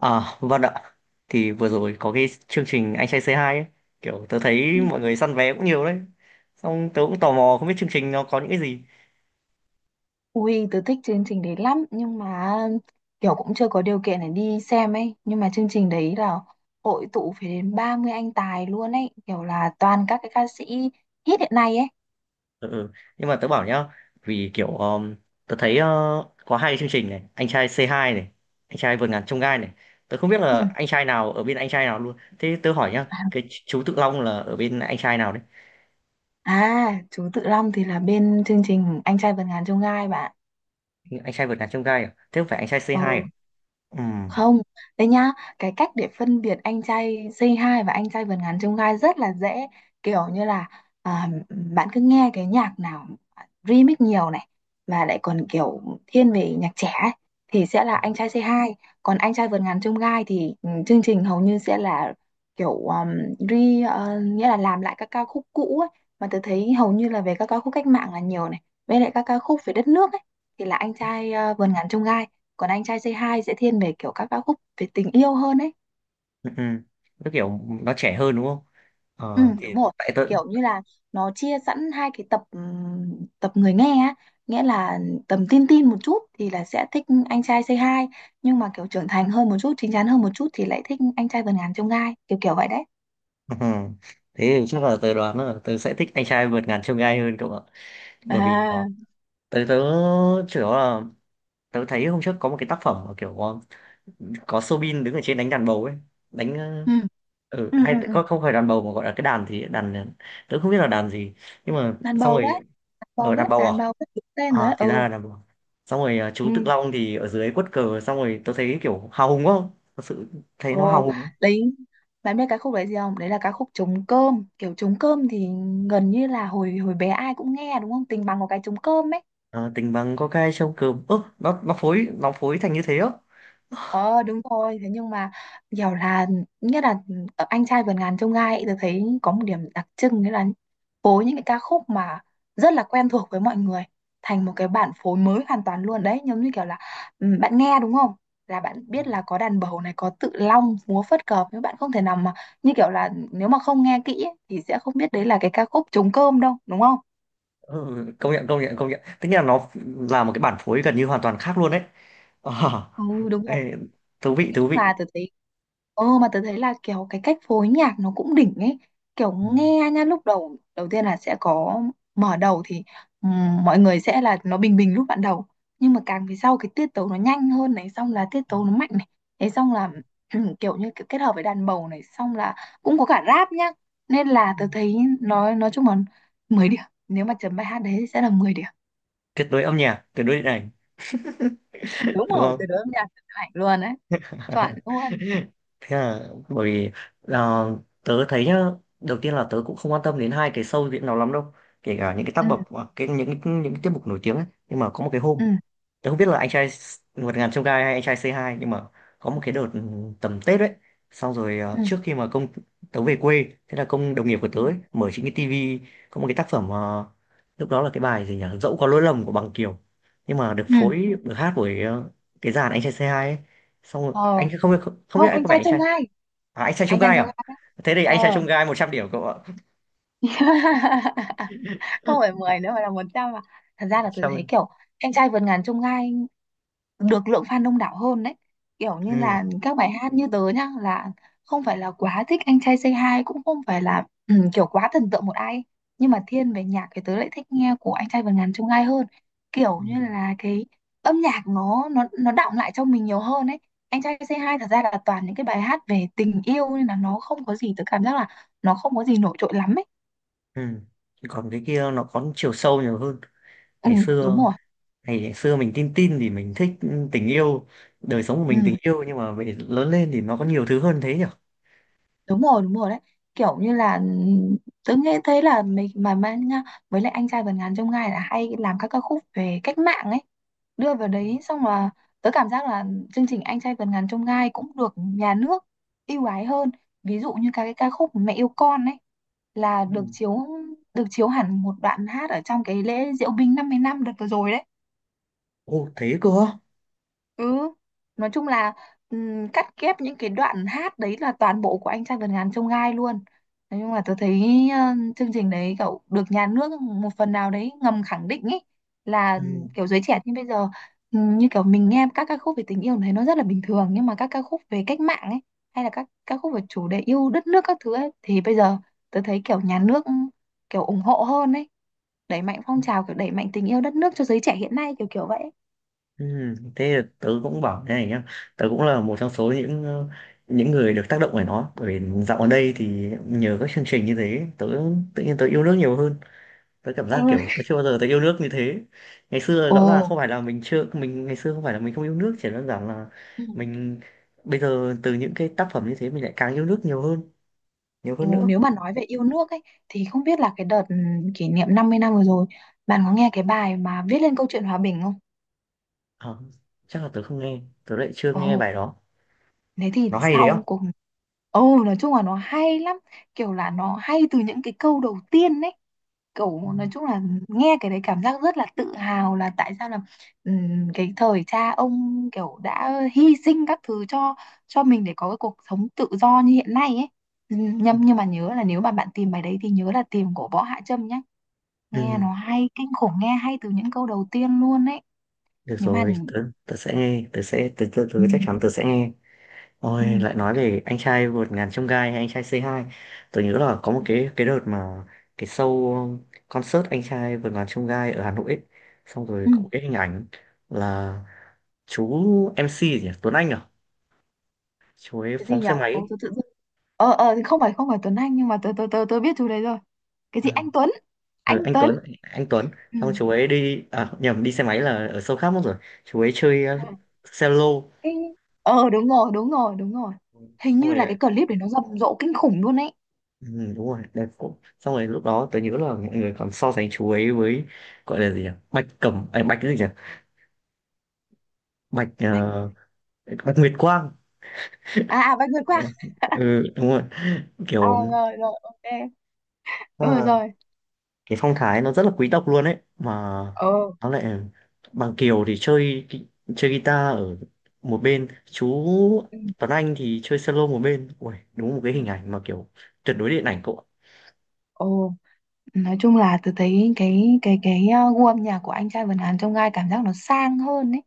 À, vâng ạ. Thì vừa rồi có cái chương trình Anh trai C2 ấy. Kiểu tớ thấy mọi người săn vé cũng nhiều đấy. Xong tớ cũng tò mò không biết chương trình nó có những cái gì. Ui, tớ thích chương trình đấy lắm, nhưng mà kiểu cũng chưa có điều kiện để đi xem ấy. Nhưng mà chương trình đấy là hội tụ phải đến 30 anh tài luôn ấy, kiểu là toàn các cái ca sĩ hit hiện nay ấy. Ừ. Ừ. Nhưng mà tớ bảo nhá, vì kiểu tớ thấy có hai cái chương trình này, Anh trai C2 này, Anh trai vượt ngàn chông gai này. Tớ không biết Ừ. là anh trai nào ở bên anh trai nào luôn. Thế tớ hỏi nhá, cái chú Tự Long là ở bên anh trai nào đấy? À, chú Tự Long thì là bên chương trình Anh trai vượt ngàn chông gai bạn. Anh trai vượt ngàn chông gai à? Thế không phải anh trai Ừ, C2 à? Ừ. không. Đấy nhá, cái cách để phân biệt anh trai Say Hi và anh trai vượt ngàn chông gai rất là dễ, kiểu như là à, bạn cứ nghe cái nhạc nào remix nhiều này, mà lại còn kiểu thiên về nhạc trẻ ấy, thì sẽ là anh trai C2. Còn anh trai vượt ngàn chông gai thì chương trình hầu như sẽ là kiểu nghĩa là làm lại các ca khúc cũ ấy, mà tôi thấy hầu như là về các ca khúc cách mạng là nhiều này, với lại các ca khúc về đất nước ấy, thì là anh trai vườn ngàn chông gai. Còn anh trai C2 sẽ thiên về kiểu các ca khúc về tình yêu hơn ấy. Ừ. Ừ. Nó kiểu nó trẻ hơn đúng không? Ừ, Ờ, thì đúng rồi, tại tớ. kiểu như là nó chia sẵn hai cái tập, tập người nghe á, nghĩa là tầm teen teen một chút thì là sẽ thích anh trai Say Hi, nhưng mà kiểu trưởng thành hơn một chút, chín chắn hơn một chút thì lại thích anh trai vượt ngàn chông gai, kiểu kiểu vậy đấy. Ừ. Thế thì chắc là tớ đoán là tớ sẽ thích anh trai vượt ngàn chông gai hơn cậu ạ. Bởi vì À, tớ tớ chủ yếu là tớ thấy hôm trước có một cái tác phẩm mà kiểu có Soobin đứng ở trên đánh đàn bầu ấy, đánh ừ, ừ, hay ừ, ừ. có không phải đàn bầu mà gọi là cái đàn thì đàn tớ không biết là đàn gì. Nhưng mà Đàn xong bầu đấy, rồi đàn ở bầu đàn đấy, bầu à? đàn bầu đấy, đúng tên rồi À đấy, thì ra ừ. là đàn bầu. Xong rồi chú Tự Ừ. Long thì ở dưới quất cờ xong rồi tớ thấy kiểu hào hùng quá. Thật sự thấy nó hào Ồ, hùng. đấy, bạn biết cái khúc đấy gì không? Đấy là ca khúc Trống Cơm. Kiểu trống cơm thì gần như là hồi hồi bé ai cũng nghe đúng không, tình bằng có cái trống cơm ấy. Ờ, tình bằng có cái trông cơm ớ nó phối thành như thế á. Ờ, đúng rồi, thế nhưng mà kiểu là, nghĩa là ở anh trai vượt ngàn chông gai ấy, tôi thấy có một điểm đặc trưng, nghĩa là phối những cái ca khúc mà rất là quen thuộc với mọi người thành một cái bản phối mới hoàn toàn luôn đấy, giống như kiểu là bạn nghe đúng không, là bạn biết là có đàn bầu này, có Tự Long múa phất cờ, nhưng bạn không thể nào mà, như kiểu là nếu mà không nghe kỹ ấy, thì sẽ không biết đấy là cái ca khúc Trống Cơm đâu đúng không? Ừ, công nhận công nhận công nhận, tức là nó là một cái bản phối gần như hoàn toàn khác luôn đấy. Ờ, Ừ, đúng rồi, ê, thú vị nói thú chung vị. là tớ thấy. Ờ, mà tớ thấy là kiểu cái cách phối nhạc nó cũng đỉnh ấy. Kiểu Ừ. nghe nha, lúc đầu, đầu tiên là sẽ có mở đầu thì mọi người sẽ là nó bình bình lúc ban đầu. Nhưng mà càng về sau cái tiết tấu nó nhanh hơn này, xong là tiết tấu nó mạnh này. Thế xong là kiểu như kiểu kết hợp với đàn bầu này, xong là cũng có cả rap nhá. Nên là tớ thấy nói chung là 10 điểm. Nếu mà chấm bài hát đấy thì sẽ là 10 điểm. Tuyệt đối âm nhạc, tuyệt đối điện ảnh, Đúng đúng rồi, không? từ đó âm nhạc tuyệt hạnh luôn đấy. Chuẩn luôn. Thế là bởi vì là tớ thấy nhá, đầu tiên là tớ cũng không quan tâm đến hai cái show diễn nào lắm đâu, kể cả những cái tác Ừ, phẩm, à, cái những cái tiết mục nổi tiếng ấy. Nhưng mà có một cái ừ, hôm tớ không biết là anh trai vượt ngàn chông gai hay anh trai C2, nhưng mà có một cái đợt tầm Tết ấy. Xong rồi ừ, trước khi mà công tớ về quê, thế là công đồng nghiệp của tớ ừ. ấy mở chính cái tivi. Có một cái tác phẩm, lúc đó là cái bài gì nhỉ, dẫu có lỗi lầm của Bằng Kiều, nhưng mà được Ừ. phối, được hát bởi cái dàn anh trai C2 ấy. Xong rồi, Ờ, anh không không, không biết, không, anh anh có vẻ trai anh trong trai, gai, à, anh trai anh chông trai gai trong gai à. đấy. Thế thì anh trai Ờ. chông gai 100 điểm cậu ạ. Không Ừ. phải 10 nữa mà là 100 à? Thật ra là tôi thấy 100. kiểu anh trai vượt ngàn chông gai được lượng fan đông đảo hơn đấy, kiểu như Ừ. là các bài hát, như tớ nhá, là không phải là quá thích anh trai Say Hi, cũng không phải là kiểu quá thần tượng một ai, nhưng mà thiên về nhạc thì tớ lại thích nghe của anh trai vượt ngàn chông gai hơn. Kiểu Ừ. như là cái âm nhạc nó đọng lại trong mình nhiều hơn ấy. Anh trai Say Hi thật ra là toàn những cái bài hát về tình yêu, nên là nó không có gì, tớ cảm giác là nó không có gì nổi trội lắm ấy. Ừ. Còn cái kia nó có chiều sâu nhiều hơn Ừ, ngày đúng xưa. rồi, Ngày xưa mình tin tin thì mình thích tình yêu, đời sống của ừ, mình tình yêu, nhưng mà về lớn lên thì nó có nhiều thứ hơn thế nhỉ. đúng rồi, đúng rồi đấy, kiểu như là tớ nghe thấy là mình mà nha. Với lại anh trai vượt ngàn chông gai là hay làm các ca khúc về cách mạng ấy, đưa vào đấy, xong là tớ cảm giác là chương trình anh trai vượt ngàn chông gai cũng được nhà nước ưu ái hơn. Ví dụ như các cái ca khúc Mẹ Yêu Con ấy là Ừ. Được chiếu hẳn một đoạn hát ở trong cái lễ diễu binh 50 năm đợt vừa rồi đấy. Ô, thế cơ á. Ừ, nói chung là cắt ghép những cái đoạn hát đấy là toàn bộ của anh trai vượt ngàn chông gai luôn. Nói chung là tôi thấy ờ, chương trình đấy cậu được nhà nước một phần nào đấy ngầm khẳng định ấy, là Ừ. kiểu giới trẻ như bây giờ, như kiểu mình nghe các ca khúc về tình yêu thấy nó rất là bình thường, nhưng mà các ca khúc về cách mạng ấy, hay là các ca khúc về chủ đề yêu đất nước các thứ ấy, thì bây giờ tôi thấy kiểu nhà nước kiểu ủng hộ hơn ấy, đẩy mạnh phong trào, kiểu đẩy mạnh tình yêu đất nước cho giới trẻ hiện nay kiểu kiểu vậy. Ừ, thế là tớ cũng bảo thế này nhá, tớ cũng là một trong số những người được tác động bởi nó, bởi vì dạo gần đây thì nhờ các chương trình như thế, tớ tự nhiên tớ yêu nước nhiều hơn. Tớ cảm Ừ. giác kiểu tớ chưa bao giờ tớ yêu nước như thế. Ngày xưa Ồ. rõ ràng không phải là mình, ngày xưa không phải là mình không yêu nước, chỉ đơn giản là mình bây giờ từ những cái tác phẩm như thế mình lại càng yêu nước nhiều hơn, nhiều hơn Ồ, nữa. nếu mà nói về yêu nước ấy, thì không biết là cái đợt kỷ niệm 50 năm vừa rồi bạn có nghe cái bài mà viết lên câu chuyện hòa bình không? Ờ, chắc là tớ lại chưa nghe Ồ, bài đó. thế thì Nó hay đấy sau không? cùng. Ồ, nói chung là nó hay lắm, kiểu là nó hay từ những cái câu đầu tiên ấy, kiểu nói chung là nghe cái đấy cảm giác rất là tự hào, là tại sao là cái thời cha ông kiểu đã hy sinh các thứ cho mình để có cái cuộc sống tự do như hiện nay ấy. Nhưng mà nhớ là nếu mà bạn tìm bài đấy thì nhớ là tìm của Võ Hạ Trâm nhá, nghe Ừ. nó hay kinh khủng, nghe hay từ những câu đầu tiên luôn ấy. Được Nhưng mà rồi, tớ sẽ nghe, ừ, tớ chắc chắn tớ sẽ nghe. ừ, Ôi, lại nói về anh trai vượt ngàn chông gai hay anh trai C2, tớ nhớ là có một cái đợt mà cái show concert anh trai vượt ngàn chông gai ở Hà Nội ấy. Xong rồi ừ. có một cái hình ảnh là chú MC gì nhỉ? Tuấn Anh à? Chú ấy Cái gì phóng nhỉ. xe máy Ủa, ấy. tự tự dưng- thì không phải, không phải Tuấn Anh, nhưng mà tớ tớ tớ tôi biết chú đấy rồi. Cái Ừ. gì anh Tuấn, Ừ, anh anh Tuấn. Tuấn, anh Tuấn. Ừ. Xong chú ấy đi, à nhầm, đi xe máy là ở show khác mất rồi. Chú ấy chơi cello. cái ờ Đúng rồi, đúng rồi, đúng rồi, hình Xong như là rồi. cái clip để nó rầm rộ kinh khủng luôn ấy. Ừ, đúng rồi, đẹp cũng, xong rồi lúc đó tớ nhớ là mọi người còn so sánh chú ấy với, gọi là gì nhỉ, bạch cẩm à, bạch cái gì nhỉ, bạch Bạch. Bạch Nguyệt Quang. À, à, Bạch vượt qua. Ừ, ừ, đúng rồi, À, kiểu, rồi, rồi, ok. Ừ, à, rồi. cái phong thái nó rất là quý tộc luôn ấy mà. Ờ. Nó lại, Bằng Kiều thì chơi chơi guitar ở một bên, chú Ừ. Tuấn Anh thì chơi solo một bên. Ui, đúng một cái Ừ. hình ảnh mà kiểu tuyệt đối điện ảnh cậu ạ. Ồ. Nói chung là tôi thấy cái gu âm nhạc của anh trai Vân Hàn trong gai cảm giác nó sang hơn ấy.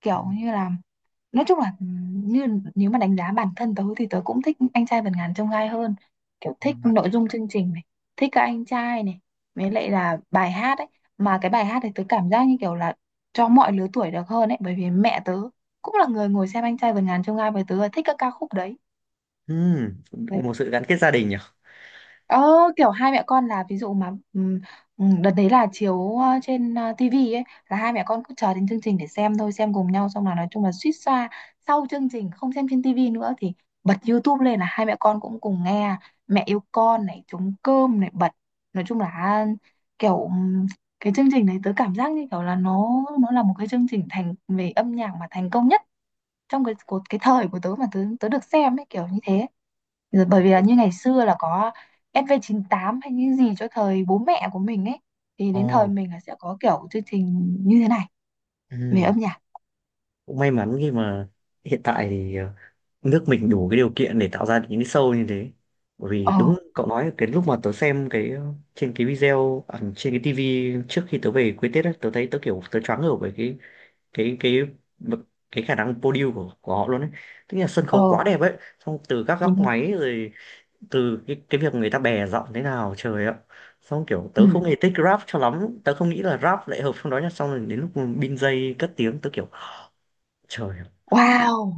Kiểu như là, nói chung là, ừ, như nếu mà đánh giá bản thân tớ thì tớ cũng thích anh trai Vân Hàn trong gai hơn. Kiểu thích nội dung chương trình này, thích các anh trai này, với lại là bài hát ấy. Mà cái bài hát thì tớ cảm giác như kiểu là cho mọi lứa tuổi được hơn ấy, bởi vì mẹ tớ cũng là người ngồi xem anh trai Vân Hàn trong gai với tớ là thích các ca khúc đấy. Ừ, một sự gắn kết gia đình nhỉ. Ờ, kiểu hai mẹ con là ví dụ mà, đợt đấy là chiếu trên TV ấy, là hai mẹ con cứ chờ đến chương trình để xem thôi, xem cùng nhau, xong là nói chung là suýt xoa. Sau chương trình không xem trên TV nữa thì bật YouTube lên là hai mẹ con cũng cùng nghe Mẹ Yêu Con này, Trống Cơm này bật, nói chung là kiểu cái chương trình này tớ cảm giác như kiểu là nó là một cái chương trình thành về âm nhạc mà thành công nhất, trong cái của cái thời của tớ mà tớ tớ được xem ấy, kiểu như thế rồi, bởi vì là như ngày xưa là có SV98 hay những gì cho thời bố mẹ của mình ấy, thì đến thời Ồ, mình là sẽ có kiểu chương trình như thế này về ừ. âm nhạc. Cũng may mắn khi mà hiện tại thì nước mình đủ cái điều kiện để tạo ra được những cái show như thế. Bởi vì Ờ, đúng cậu nói, cái lúc mà tớ xem cái, trên cái video, à, trên cái tivi trước khi tớ về quê Tết á, tớ thấy tớ kiểu tớ choáng ngợp bởi cái cái cái khả năng podium của họ luôn ấy, tức là sân ờ, khấu quá đẹp ấy. Xong từ các đúng góc rồi. máy rồi, từ cái việc người ta bè giọng thế nào, trời ạ. Xong kiểu Ừ. tớ không hề thích rap cho lắm, tớ không nghĩ là rap lại hợp trong đó nhá, xong rồi đến lúc bin dây cất tiếng tớ kiểu, trời ạ, Wow.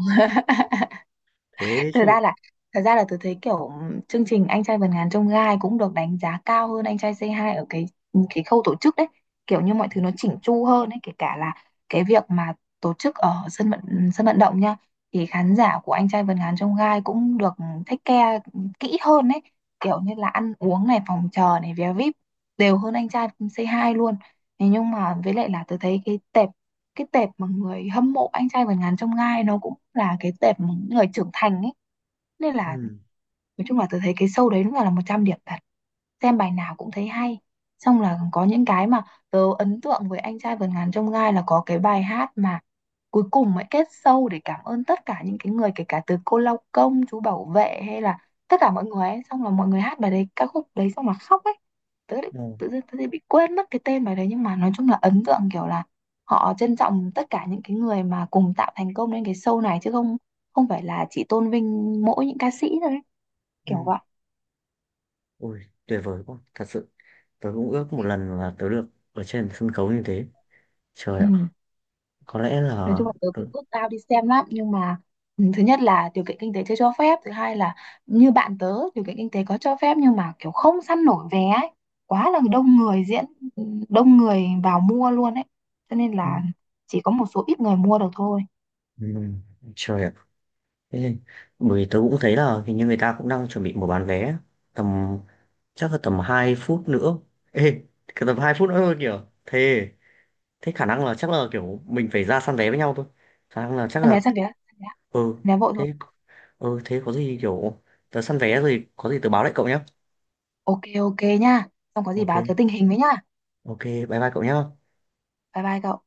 thế thật ra chứ. là Thật ra là tôi thấy kiểu chương trình anh trai vượt ngàn chông gai cũng được đánh giá cao hơn anh trai C2 ở cái khâu tổ chức đấy, kiểu như mọi Ừ. thứ nó chỉnh chu hơn đấy, kể cả là cái việc mà tổ chức ở sân vận động nha, thì khán giả của anh trai vượt ngàn chông gai cũng được take care kỹ hơn đấy, kiểu như là ăn uống này, phòng chờ này, vé VIP đều hơn anh trai C2 luôn. Thế nhưng mà với lại là tôi thấy cái tệp mà người hâm mộ anh trai vượt ngàn chông gai nó cũng là cái tệp mà những người trưởng thành ấy, nên là nói chung là tôi thấy cái show đấy đúng là 100 điểm thật, xem bài nào cũng thấy hay. Xong là có những cái mà tớ ấn tượng với anh trai vượt ngàn chông gai là có cái bài hát mà cuối cùng mới kết show để cảm ơn tất cả những cái người, kể cả từ cô lao công, chú bảo vệ, hay là tất cả mọi người ấy, xong là mọi người hát bài đấy, ca khúc đấy, xong là khóc ấy. tớ lại- Ừ. Tự dưng tớ lại bị quên mất cái tên bài đấy, nhưng mà nói chung là ấn tượng kiểu là họ trân trọng tất cả những cái người mà cùng tạo thành công lên cái show này, chứ không, không phải là chỉ tôn vinh mỗi những ca sĩ thôi, kiểu Ừ. vậy. Ôi, tuyệt vời quá. Thật sự, tớ cũng ước một lần là tớ được ở trên sân khấu như thế. Trời Ừ, ạ, có lẽ nói là. chung là tớ Ừ. cũng ước ao đi xem lắm, nhưng mà thứ nhất là điều kiện kinh tế chưa cho phép, thứ hai là như bạn tớ điều kiện kinh tế có cho phép nhưng mà kiểu không săn nổi vé ấy, quá là đông người diễn, ừ, đông người vào mua luôn ấy, cho nên Ừ. là chỉ có một số ít người mua được thôi. Ừ. Trời ạ. Thế, bởi vì tớ cũng thấy là hình như người ta cũng đang chuẩn bị mở bán vé. Tầm, chắc là tầm 2 phút nữa. Ê, cái tầm 2 phút nữa thôi kìa. Thế, thế, khả năng là chắc là kiểu mình phải ra săn vé với nhau thôi. Khả năng là chắc Săn là. vé, săn vé, săn vé, Ừ, săn vé vội rồi. thế, ừ, thế có gì kiểu. Tớ săn vé rồi, có gì tớ báo lại cậu nhé. Ok, ok nha, xong có gì Ok. báo tớ tình hình với nha. Ok, bye bye cậu nhé. Bye bye cậu.